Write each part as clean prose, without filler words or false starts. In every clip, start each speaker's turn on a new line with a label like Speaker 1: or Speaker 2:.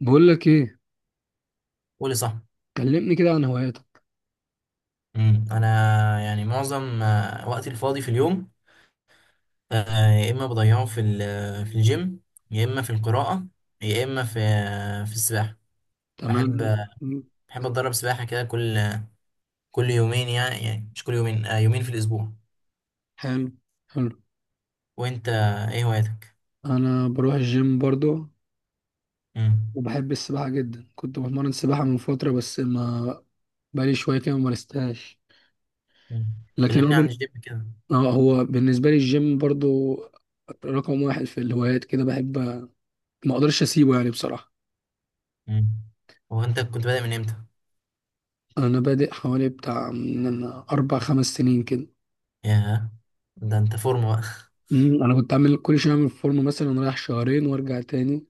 Speaker 1: بقول لك ايه؟
Speaker 2: قولي صح.
Speaker 1: كلمني كده عن هواياتك.
Speaker 2: انا يعني معظم وقتي الفاضي في اليوم. يا اما بضيعه في في الجيم، يا اما في القراءة، يا اما في السباحة.
Speaker 1: تمام.
Speaker 2: بحب
Speaker 1: م-
Speaker 2: بحب اتدرب سباحة كده كل يومين، يعني مش كل يومين، يومين في الاسبوع.
Speaker 1: حلو. حلو.
Speaker 2: وانت، ايه هواياتك؟
Speaker 1: انا بروح الجيم برضو
Speaker 2: امم
Speaker 1: وبحب السباحه جدا. كنت بتمرن سباحه من فتره بس ما بقالي شويه كده ما مارستهاش.
Speaker 2: أمم.
Speaker 1: لكن هو
Speaker 2: كلمني عن
Speaker 1: بن...
Speaker 2: الجيم كده.
Speaker 1: هو بالنسبه لي الجيم برضو رقم واحد في الهوايات كده. بحب ما اقدرش اسيبه يعني بصراحه.
Speaker 2: امم هو انت كنت بادئ من امتى؟
Speaker 1: انا بادئ حوالي بتاع من اربع خمس سنين كده.
Speaker 2: ياه! ده انت فورمة بقى.
Speaker 1: انا كنت عامل كل شويه اعمل فورمه مثلا رايح شهرين وارجع تاني.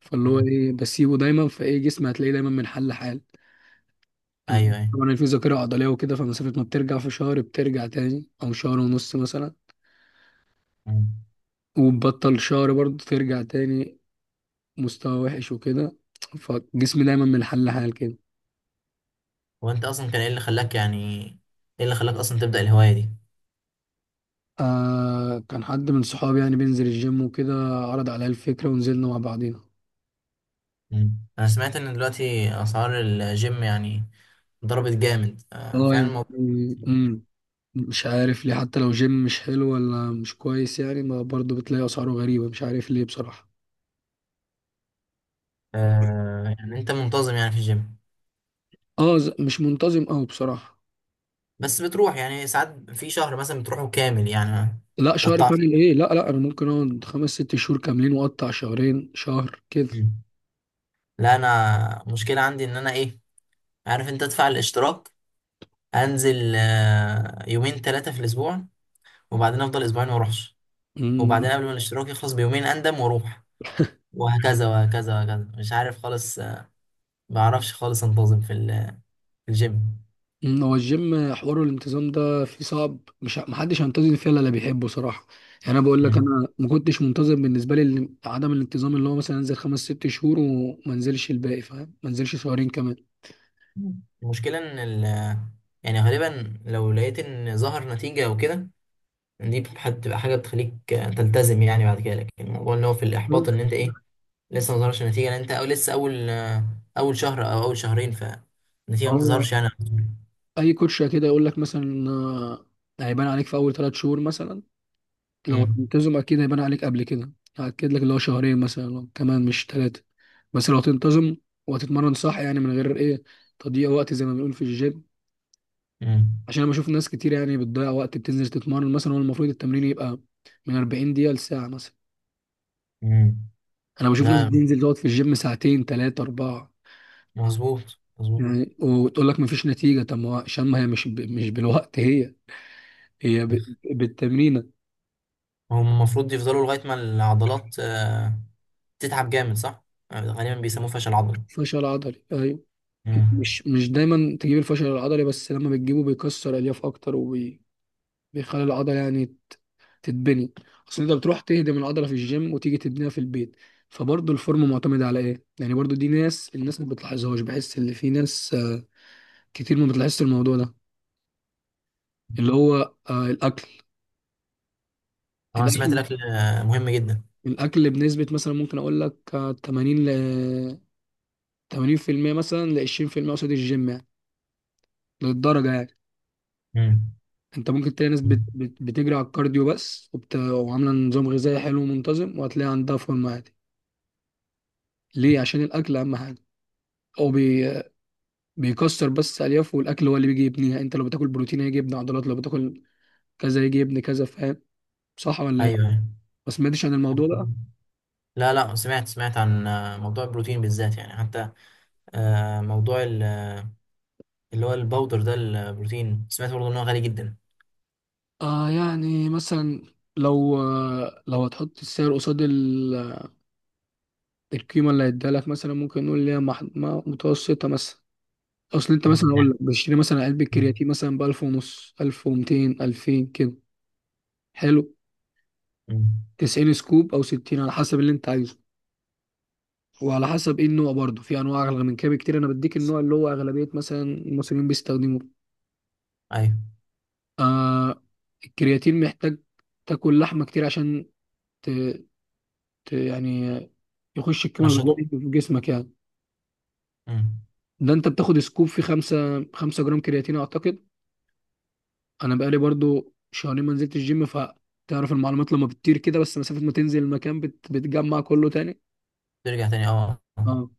Speaker 1: فاللي هو
Speaker 2: أمم.
Speaker 1: ايه بسيبه دايما، فايه جسمي هتلاقيه دايما من حل لحال. انت
Speaker 2: ايوه، ايوه.
Speaker 1: طبعا، أنا في ذاكره عضليه وكده، فمسافه ما بترجع في شهر بترجع تاني او شهر ونص مثلا.
Speaker 2: أمم.
Speaker 1: وبتبطل شهر برضه ترجع تاني مستوى وحش وكده. فجسمي دايما من حل لحال كده.
Speaker 2: هو انت اصلا كان ايه اللي خلاك، يعني ايه اللي خلاك اصلا تبدأ الهواية دي؟
Speaker 1: كان حد من صحابي يعني بينزل الجيم وكده، عرض عليا الفكره ونزلنا مع بعضينا.
Speaker 2: مم. انا سمعت ان دلوقتي اسعار الجيم يعني ضربت جامد،
Speaker 1: اه
Speaker 2: فعلا الموضوع.
Speaker 1: يعني امم مش عارف ليه، حتى لو جيم مش حلو ولا مش كويس يعني، ما برضه بتلاقي اسعاره غريبه. مش عارف ليه بصراحه.
Speaker 2: يعني انت منتظم يعني في الجيم؟
Speaker 1: اه مش منتظم قوي بصراحه.
Speaker 2: بس بتروح يعني ساعات في شهر مثلا، بتروحه كامل يعني ما
Speaker 1: لا، شهر
Speaker 2: تقطعش؟
Speaker 1: كامل ايه. لا، لا، انا ممكن اقعد خمس ست شهور كاملين واقطع شهرين شهر كده.
Speaker 2: مم. لا، انا مشكلة عندي ان انا ايه، عارف انت ادفع الاشتراك، انزل يومين ثلاثة في الاسبوع، وبعدين افضل اسبوعين ما اروحش، وبعدين
Speaker 1: امم
Speaker 2: قبل ما الاشتراك يخلص بيومين اندم واروح، وهكذا وهكذا وهكذا، مش عارف خالص. ما بعرفش خالص انتظم في في الجيم.
Speaker 1: أمم، هو الجيم حوار الانتظام ده فيه صعب، مش محدش هينتظم فيه الا اللي بيحبه صراحه. يعني انا بقول لك
Speaker 2: مم.
Speaker 1: انا ما كنتش منتظم، بالنسبه لي عدم الانتظام اللي هو مثلا انزل خمس ست شهور وما انزلش الباقي، فاهم؟ ما انزلش شهرين كمان.
Speaker 2: مم. المشكلة إن يعني غالبا لو لقيت إن ظهر نتيجة أو كده، دي بتبقى حاجة بتخليك تلتزم يعني بعد كده. لكن الموضوع اللي هو في
Speaker 1: بل-
Speaker 2: الإحباط إن أنت إيه، لسه ما ظهرش نتيجة لأن أنت، أو لسه أول شهر أو أول شهرين،
Speaker 1: ما
Speaker 2: فالنتيجة ما
Speaker 1: هو
Speaker 2: بتظهرش يعني.
Speaker 1: اي كوتش كده يقول لك مثلا هيبان عليك في اول ثلاث شهور مثلا لو
Speaker 2: مم.
Speaker 1: تنتظم. اكيد هيبان عليك قبل كده. هأكد لك اللي هو شهرين مثلا لو كمان، مش ثلاثة. بس لو تنتظم وهتتمرن صح، يعني من غير ايه تضييع وقت زي ما بنقول في الجيم.
Speaker 2: مم.
Speaker 1: عشان انا بشوف ناس كتير يعني بتضيع وقت، بتنزل تتمرن مثلا. هو المفروض التمرين يبقى من 40 دقيقة لساعة مثلا.
Speaker 2: مم.
Speaker 1: انا بشوف ناس
Speaker 2: لا،
Speaker 1: بتنزل تقعد في الجيم ساعتين، ثلاثة، أربعة
Speaker 2: مظبوط مظبوط.
Speaker 1: يعني، وتقول لك مفيش نتيجة. طب ما هو عشان ما هي مش مش بالوقت، هي هي ب... بالتمرينة.
Speaker 2: هم المفروض يفضلوا لغاية ما العضلات تتعب جامد، صح؟ غالبا بيسموه فشل عضلي.
Speaker 1: فشل عضلي، أيوة.
Speaker 2: مم.
Speaker 1: مش دايما تجيب الفشل العضلي، بس لما بتجيبه بيكسر الياف اكتر وبيخلي العضله يعني تتبني. اصل انت بتروح تهدم العضله في الجيم وتيجي تبنيها في البيت. فبرضه الفورم معتمد على ايه يعني. برضه دي الناس ما بتلاحظهاش، بحس ان في ناس كتير ما بتلاحظش الموضوع ده، اللي هو
Speaker 2: أنا سمعت
Speaker 1: الاكل
Speaker 2: الأكل مهم جدا.
Speaker 1: الاكل بنسبه مثلا ممكن اقول لك 80 ل 80% مثلا ل 20% قصاد الجيم يعني، للدرجه يعني.
Speaker 2: مم.
Speaker 1: انت ممكن تلاقي ناس بتجري على الكارديو بس، وعامله نظام غذائي حلو ومنتظم، وهتلاقي عندها فورمه عادي. ليه؟ عشان الاكل اهم حاجه. هو بيكسر بس الياف، والاكل هو اللي بيجي يبنيها يعني. انت لو بتاكل بروتين هيجي يبني عضلات، لو بتاكل كذا يجي يبني كذا، فاهم؟ صح ولا
Speaker 2: ايوه،
Speaker 1: ايه؟
Speaker 2: أيوة.
Speaker 1: ما سمعتش عن الموضوع ده؟
Speaker 2: لا، لا، سمعت عن موضوع البروتين بالذات، يعني حتى موضوع اللي هو الباودر ده البروتين، سمعت برضه ان هو غالي جدا.
Speaker 1: يعني مثلا، لو هتحط السعر قصاد القيمه اللي هيديها لك، مثلا ممكن نقول ليها مح... ما- متوسطه مثلا. اصل انت
Speaker 2: مم.
Speaker 1: مثلا اقول
Speaker 2: نعم.
Speaker 1: لك بشتري مثلا علبه
Speaker 2: مم.
Speaker 1: كرياتين مثلا ب 1000 ونص، 1200، 2000 كده. حلو.
Speaker 2: مم.
Speaker 1: 90 سكوب او 60 على حسب اللي انت عايزه، وعلى حسب ايه النوع برضه. في انواع اغلى من كده بكتير، انا بديك النوع اللي هو اغلبيه مثلا المصريين بيستخدموه.
Speaker 2: ايوه،
Speaker 1: آه الكرياتين محتاج تاكل لحمه كتير عشان ت... يعني يخش الكمال
Speaker 2: تنشطه.
Speaker 1: الغذائي في جسمك يعني.
Speaker 2: مم.
Speaker 1: ده انت بتاخد سكوب في 5، 5 جرام كرياتين اعتقد. انا بقالي برضو شهرين ما نزلت الجيم، فتعرف المعلومات لما بتطير كده، بس مسافه ما تنزل المكان بتجمع كله تاني.
Speaker 2: ترجع تاني، آه.
Speaker 1: اه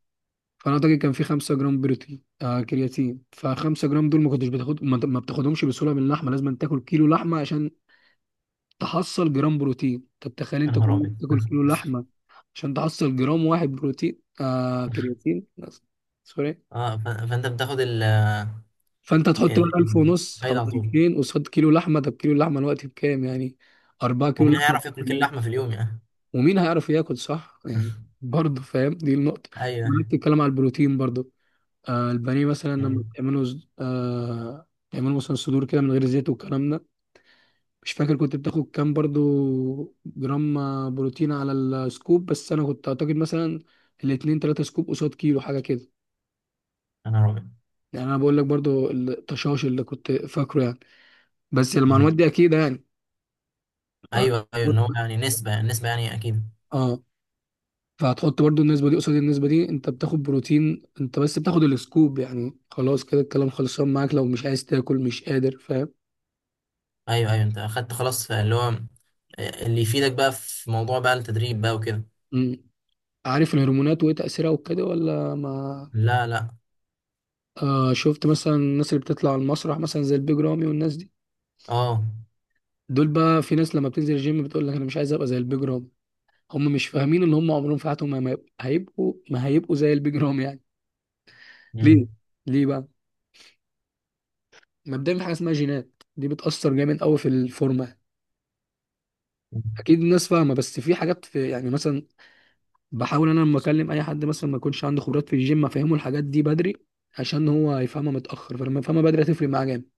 Speaker 1: فانا اعتقد كان في 5 جرام بروتين كرياتين، ف 5 جرام دول ما كنتش بتاخد، ما بتاخدهمش بسهوله من اللحمه. لازم تاكل كيلو لحمه عشان تحصل جرام بروتين. طب تخيل
Speaker 2: يا
Speaker 1: انت كل
Speaker 2: نهار
Speaker 1: يوم
Speaker 2: ابيض!
Speaker 1: تاكل كيلو لحمه عشان تحصل جرام واحد بروتين كرياتين بس. سوري.
Speaker 2: اه، فانت بتاخد
Speaker 1: فانت تحط بقى 1000 ونص او
Speaker 2: الفايدة على طول.
Speaker 1: 2000 قصاد كيلو لحمه. طب كيلو اللحمه الوقت بكام يعني، 4 كيلو
Speaker 2: ومين
Speaker 1: لحمه.
Speaker 2: هيعرف ياكل كيلو لحمة في اليوم يعني؟
Speaker 1: ومين هيعرف ياكل صح يعني. برضه فاهم، دي النقطة.
Speaker 2: ايوه.
Speaker 1: وأنا بتتكلم على البروتين برضه. البانيه مثلا لما
Speaker 2: مم.
Speaker 1: بتعمله تعمله مثلا صدور كده من غير زيت والكلام ده. مش فاكر كنت بتاخد كام برضه جرام بروتين على السكوب. بس أنا كنت أعتقد مثلا الاتنين تلاتة سكوب قصاد كيلو حاجة كده
Speaker 2: يا نهار ابيض!
Speaker 1: يعني. أنا بقول لك برضه التشاش اللي كنت فاكره يعني، بس
Speaker 2: مم.
Speaker 1: المعلومات دي أكيد يعني. ف-
Speaker 2: ايوه، ايوه، اللي هو يعني نسبة نسبة يعني اكيد.
Speaker 1: اه فهتحط برضو النسبة دي قصاد النسبة دي. انت بتاخد بروتين، انت بس بتاخد السكوب يعني خلاص، كده الكلام خلصان معاك لو مش عايز تاكل مش قادر، فاهم؟
Speaker 2: ايوه، ايوه، انت اخدت خلاص اللي هو اللي يفيدك بقى في موضوع بقى التدريب بقى وكده.
Speaker 1: مم. عارف الهرمونات وايه تأثيرها وكده ولا ما؟
Speaker 2: لا، لا،
Speaker 1: شفت مثلا الناس اللي بتطلع على المسرح مثلا زي البيج رامي والناس دي.
Speaker 2: اه
Speaker 1: دول بقى، في ناس لما بتنزل الجيم بتقول لك انا مش عايز ابقى زي البيج رامي. هم مش فاهمين ان هم عمرهم في حياتهم ما هيبقوا، زي البيج رامي يعني.
Speaker 2: امم
Speaker 1: ليه؟ ليه بقى؟ مبدئيا في حاجة اسمها جينات دي بتأثر جامد قوي في الفورمة. اكيد الناس فاهمه، بس في حاجات، في يعني مثلا. بحاول انا لما اكلم اي حد مثلا ما يكونش عنده خبرات في الجيم، افهمه الحاجات دي بدري، عشان هو يفهمها متاخر. فلما يفهمها بدري هتفرق معاه جامد.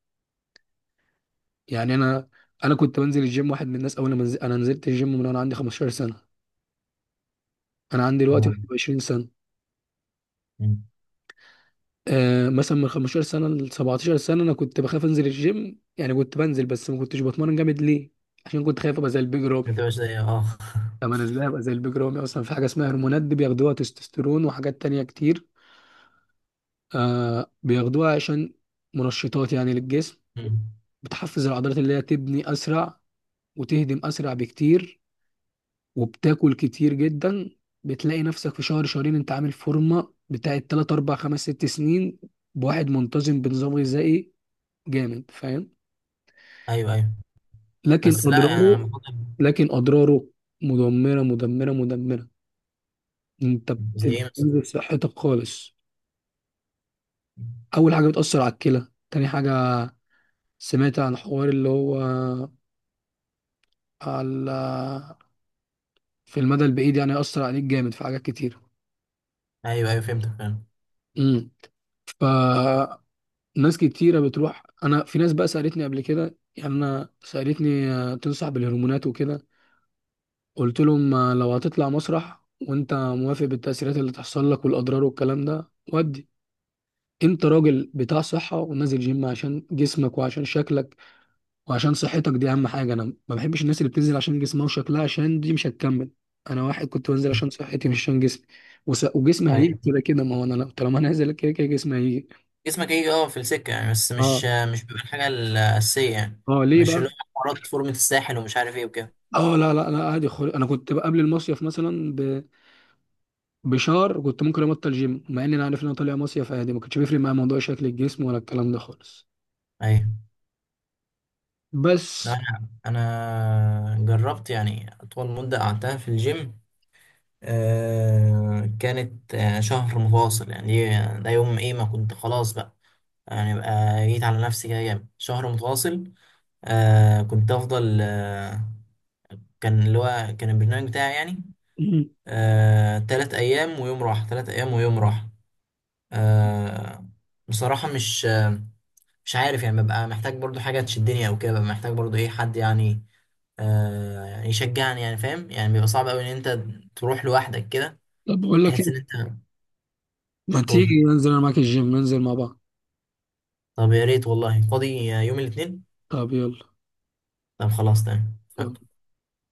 Speaker 1: يعني انا كنت بنزل الجيم واحد من الناس، اول ما نزل... انا نزلت الجيم من وانا عندي 15 سنه. انا عندي دلوقتي
Speaker 2: أمم.
Speaker 1: 20 سنه.
Speaker 2: أمم.
Speaker 1: مثلا من 15 سنه ل 17 سنه انا كنت بخاف انزل الجيم يعني. كنت بنزل بس ما كنتش بتمرن جامد. ليه؟ عشان كنت خايف ابقى زي البيج رامي.
Speaker 2: انت مش زي
Speaker 1: طب انا ازاي ابقى زي البيج رامي اصلا. في حاجه اسمها هرمونات دي بياخدوها، تستوستيرون وحاجات تانية كتير. بياخدوها عشان منشطات يعني للجسم.
Speaker 2: أمم.
Speaker 1: بتحفز العضلات اللي هي تبني اسرع وتهدم اسرع بكتير، وبتاكل كتير جدا. بتلاقي نفسك في شهر شهرين انت عامل فورمه بتاعت 3، 4، 5، 6 سنين بواحد منتظم بنظام غذائي جامد، فاهم؟
Speaker 2: ايوه، ايوه،
Speaker 1: لكن
Speaker 2: بس لا يعني
Speaker 1: اضراره،
Speaker 2: انا بفضل.
Speaker 1: لكن اضراره مدمره، مدمره، مدمره. انت
Speaker 2: زي ايه مثلا؟
Speaker 1: بتنزل صحتك خالص. اول حاجه بتاثر على الكلى. تاني حاجه سمعت عن حوار اللي هو على في المدى البعيد يعني، يأثر عليك جامد في حاجات كتير.
Speaker 2: ايوه، ايوه، فهمتك فاهم.
Speaker 1: مم. فناس كتيرة بتروح. أنا في ناس بقى سألتني قبل كده يعني، أنا سألتني تنصح بالهرمونات وكده؟ قلت لهم لو هتطلع مسرح وأنت موافق بالتأثيرات اللي تحصل لك والأضرار والكلام ده، ودي أنت راجل بتاع صحة ونازل جيم عشان جسمك وعشان شكلك، وعشان صحتك. دي أهم حاجة. أنا ما بحبش الناس اللي بتنزل عشان جسمها وشكلها، عشان دي مش هتكمل. أنا واحد كنت بنزل عشان صحتي مش عشان جسمي. وجسمي هيجي
Speaker 2: ايوه،
Speaker 1: كده كده. ما هو أنا طالما أنا نازل كده كده جسمي هيجي.
Speaker 2: جسمك هيجي في السكه يعني، بس
Speaker 1: اه.
Speaker 2: مش بيبقى الحاجه الاساسيه يعني.
Speaker 1: اه، ليه
Speaker 2: مش اللي
Speaker 1: بقى؟
Speaker 2: هو حوارات فورمه الساحل ومش عارف ايه وكده.
Speaker 1: اه، لا، لا انا عادي انا كنت بقى قبل المصيف مثلا بشهر كنت ممكن ابطل جيم مع ان انا عارف ان انا طالع مصيف عادي. ما كانش بيفرق معايا موضوع شكل الجسم ولا الكلام ده خالص.
Speaker 2: ايوه، لا،
Speaker 1: بس.
Speaker 2: انا جربت يعني اطول مده قعدتها في الجيم، كانت شهر متواصل، يعني إيه، ده يوم ايه ما كنت خلاص بقى، يعني بقى جيت على نفسي كده جامد شهر متواصل. كنت افضل، كان اللي هو كان البرنامج بتاعي يعني،
Speaker 1: مم.
Speaker 2: 3 ايام ويوم راحة، 3 ايام ويوم راحة. آه بصراحة مش، مش عارف يعني ببقى محتاج برضو حاجة تشدني او كده، ببقى محتاج برضو ايه، حد يعني. يعني يشجعني يعني فاهم، يعني بيبقى صعب قوي ان انت تروح لوحدك كده.
Speaker 1: طب بقول لك
Speaker 2: تحس ان
Speaker 1: ايه،
Speaker 2: انت.
Speaker 1: ما
Speaker 2: قول.
Speaker 1: تيجي ننزل انا معاك الجيم ننزل مع بعض.
Speaker 2: طب يا ريت والله، فاضي يوم الاثنين.
Speaker 1: طب يلا.
Speaker 2: طب خلاص تمام اتفقنا.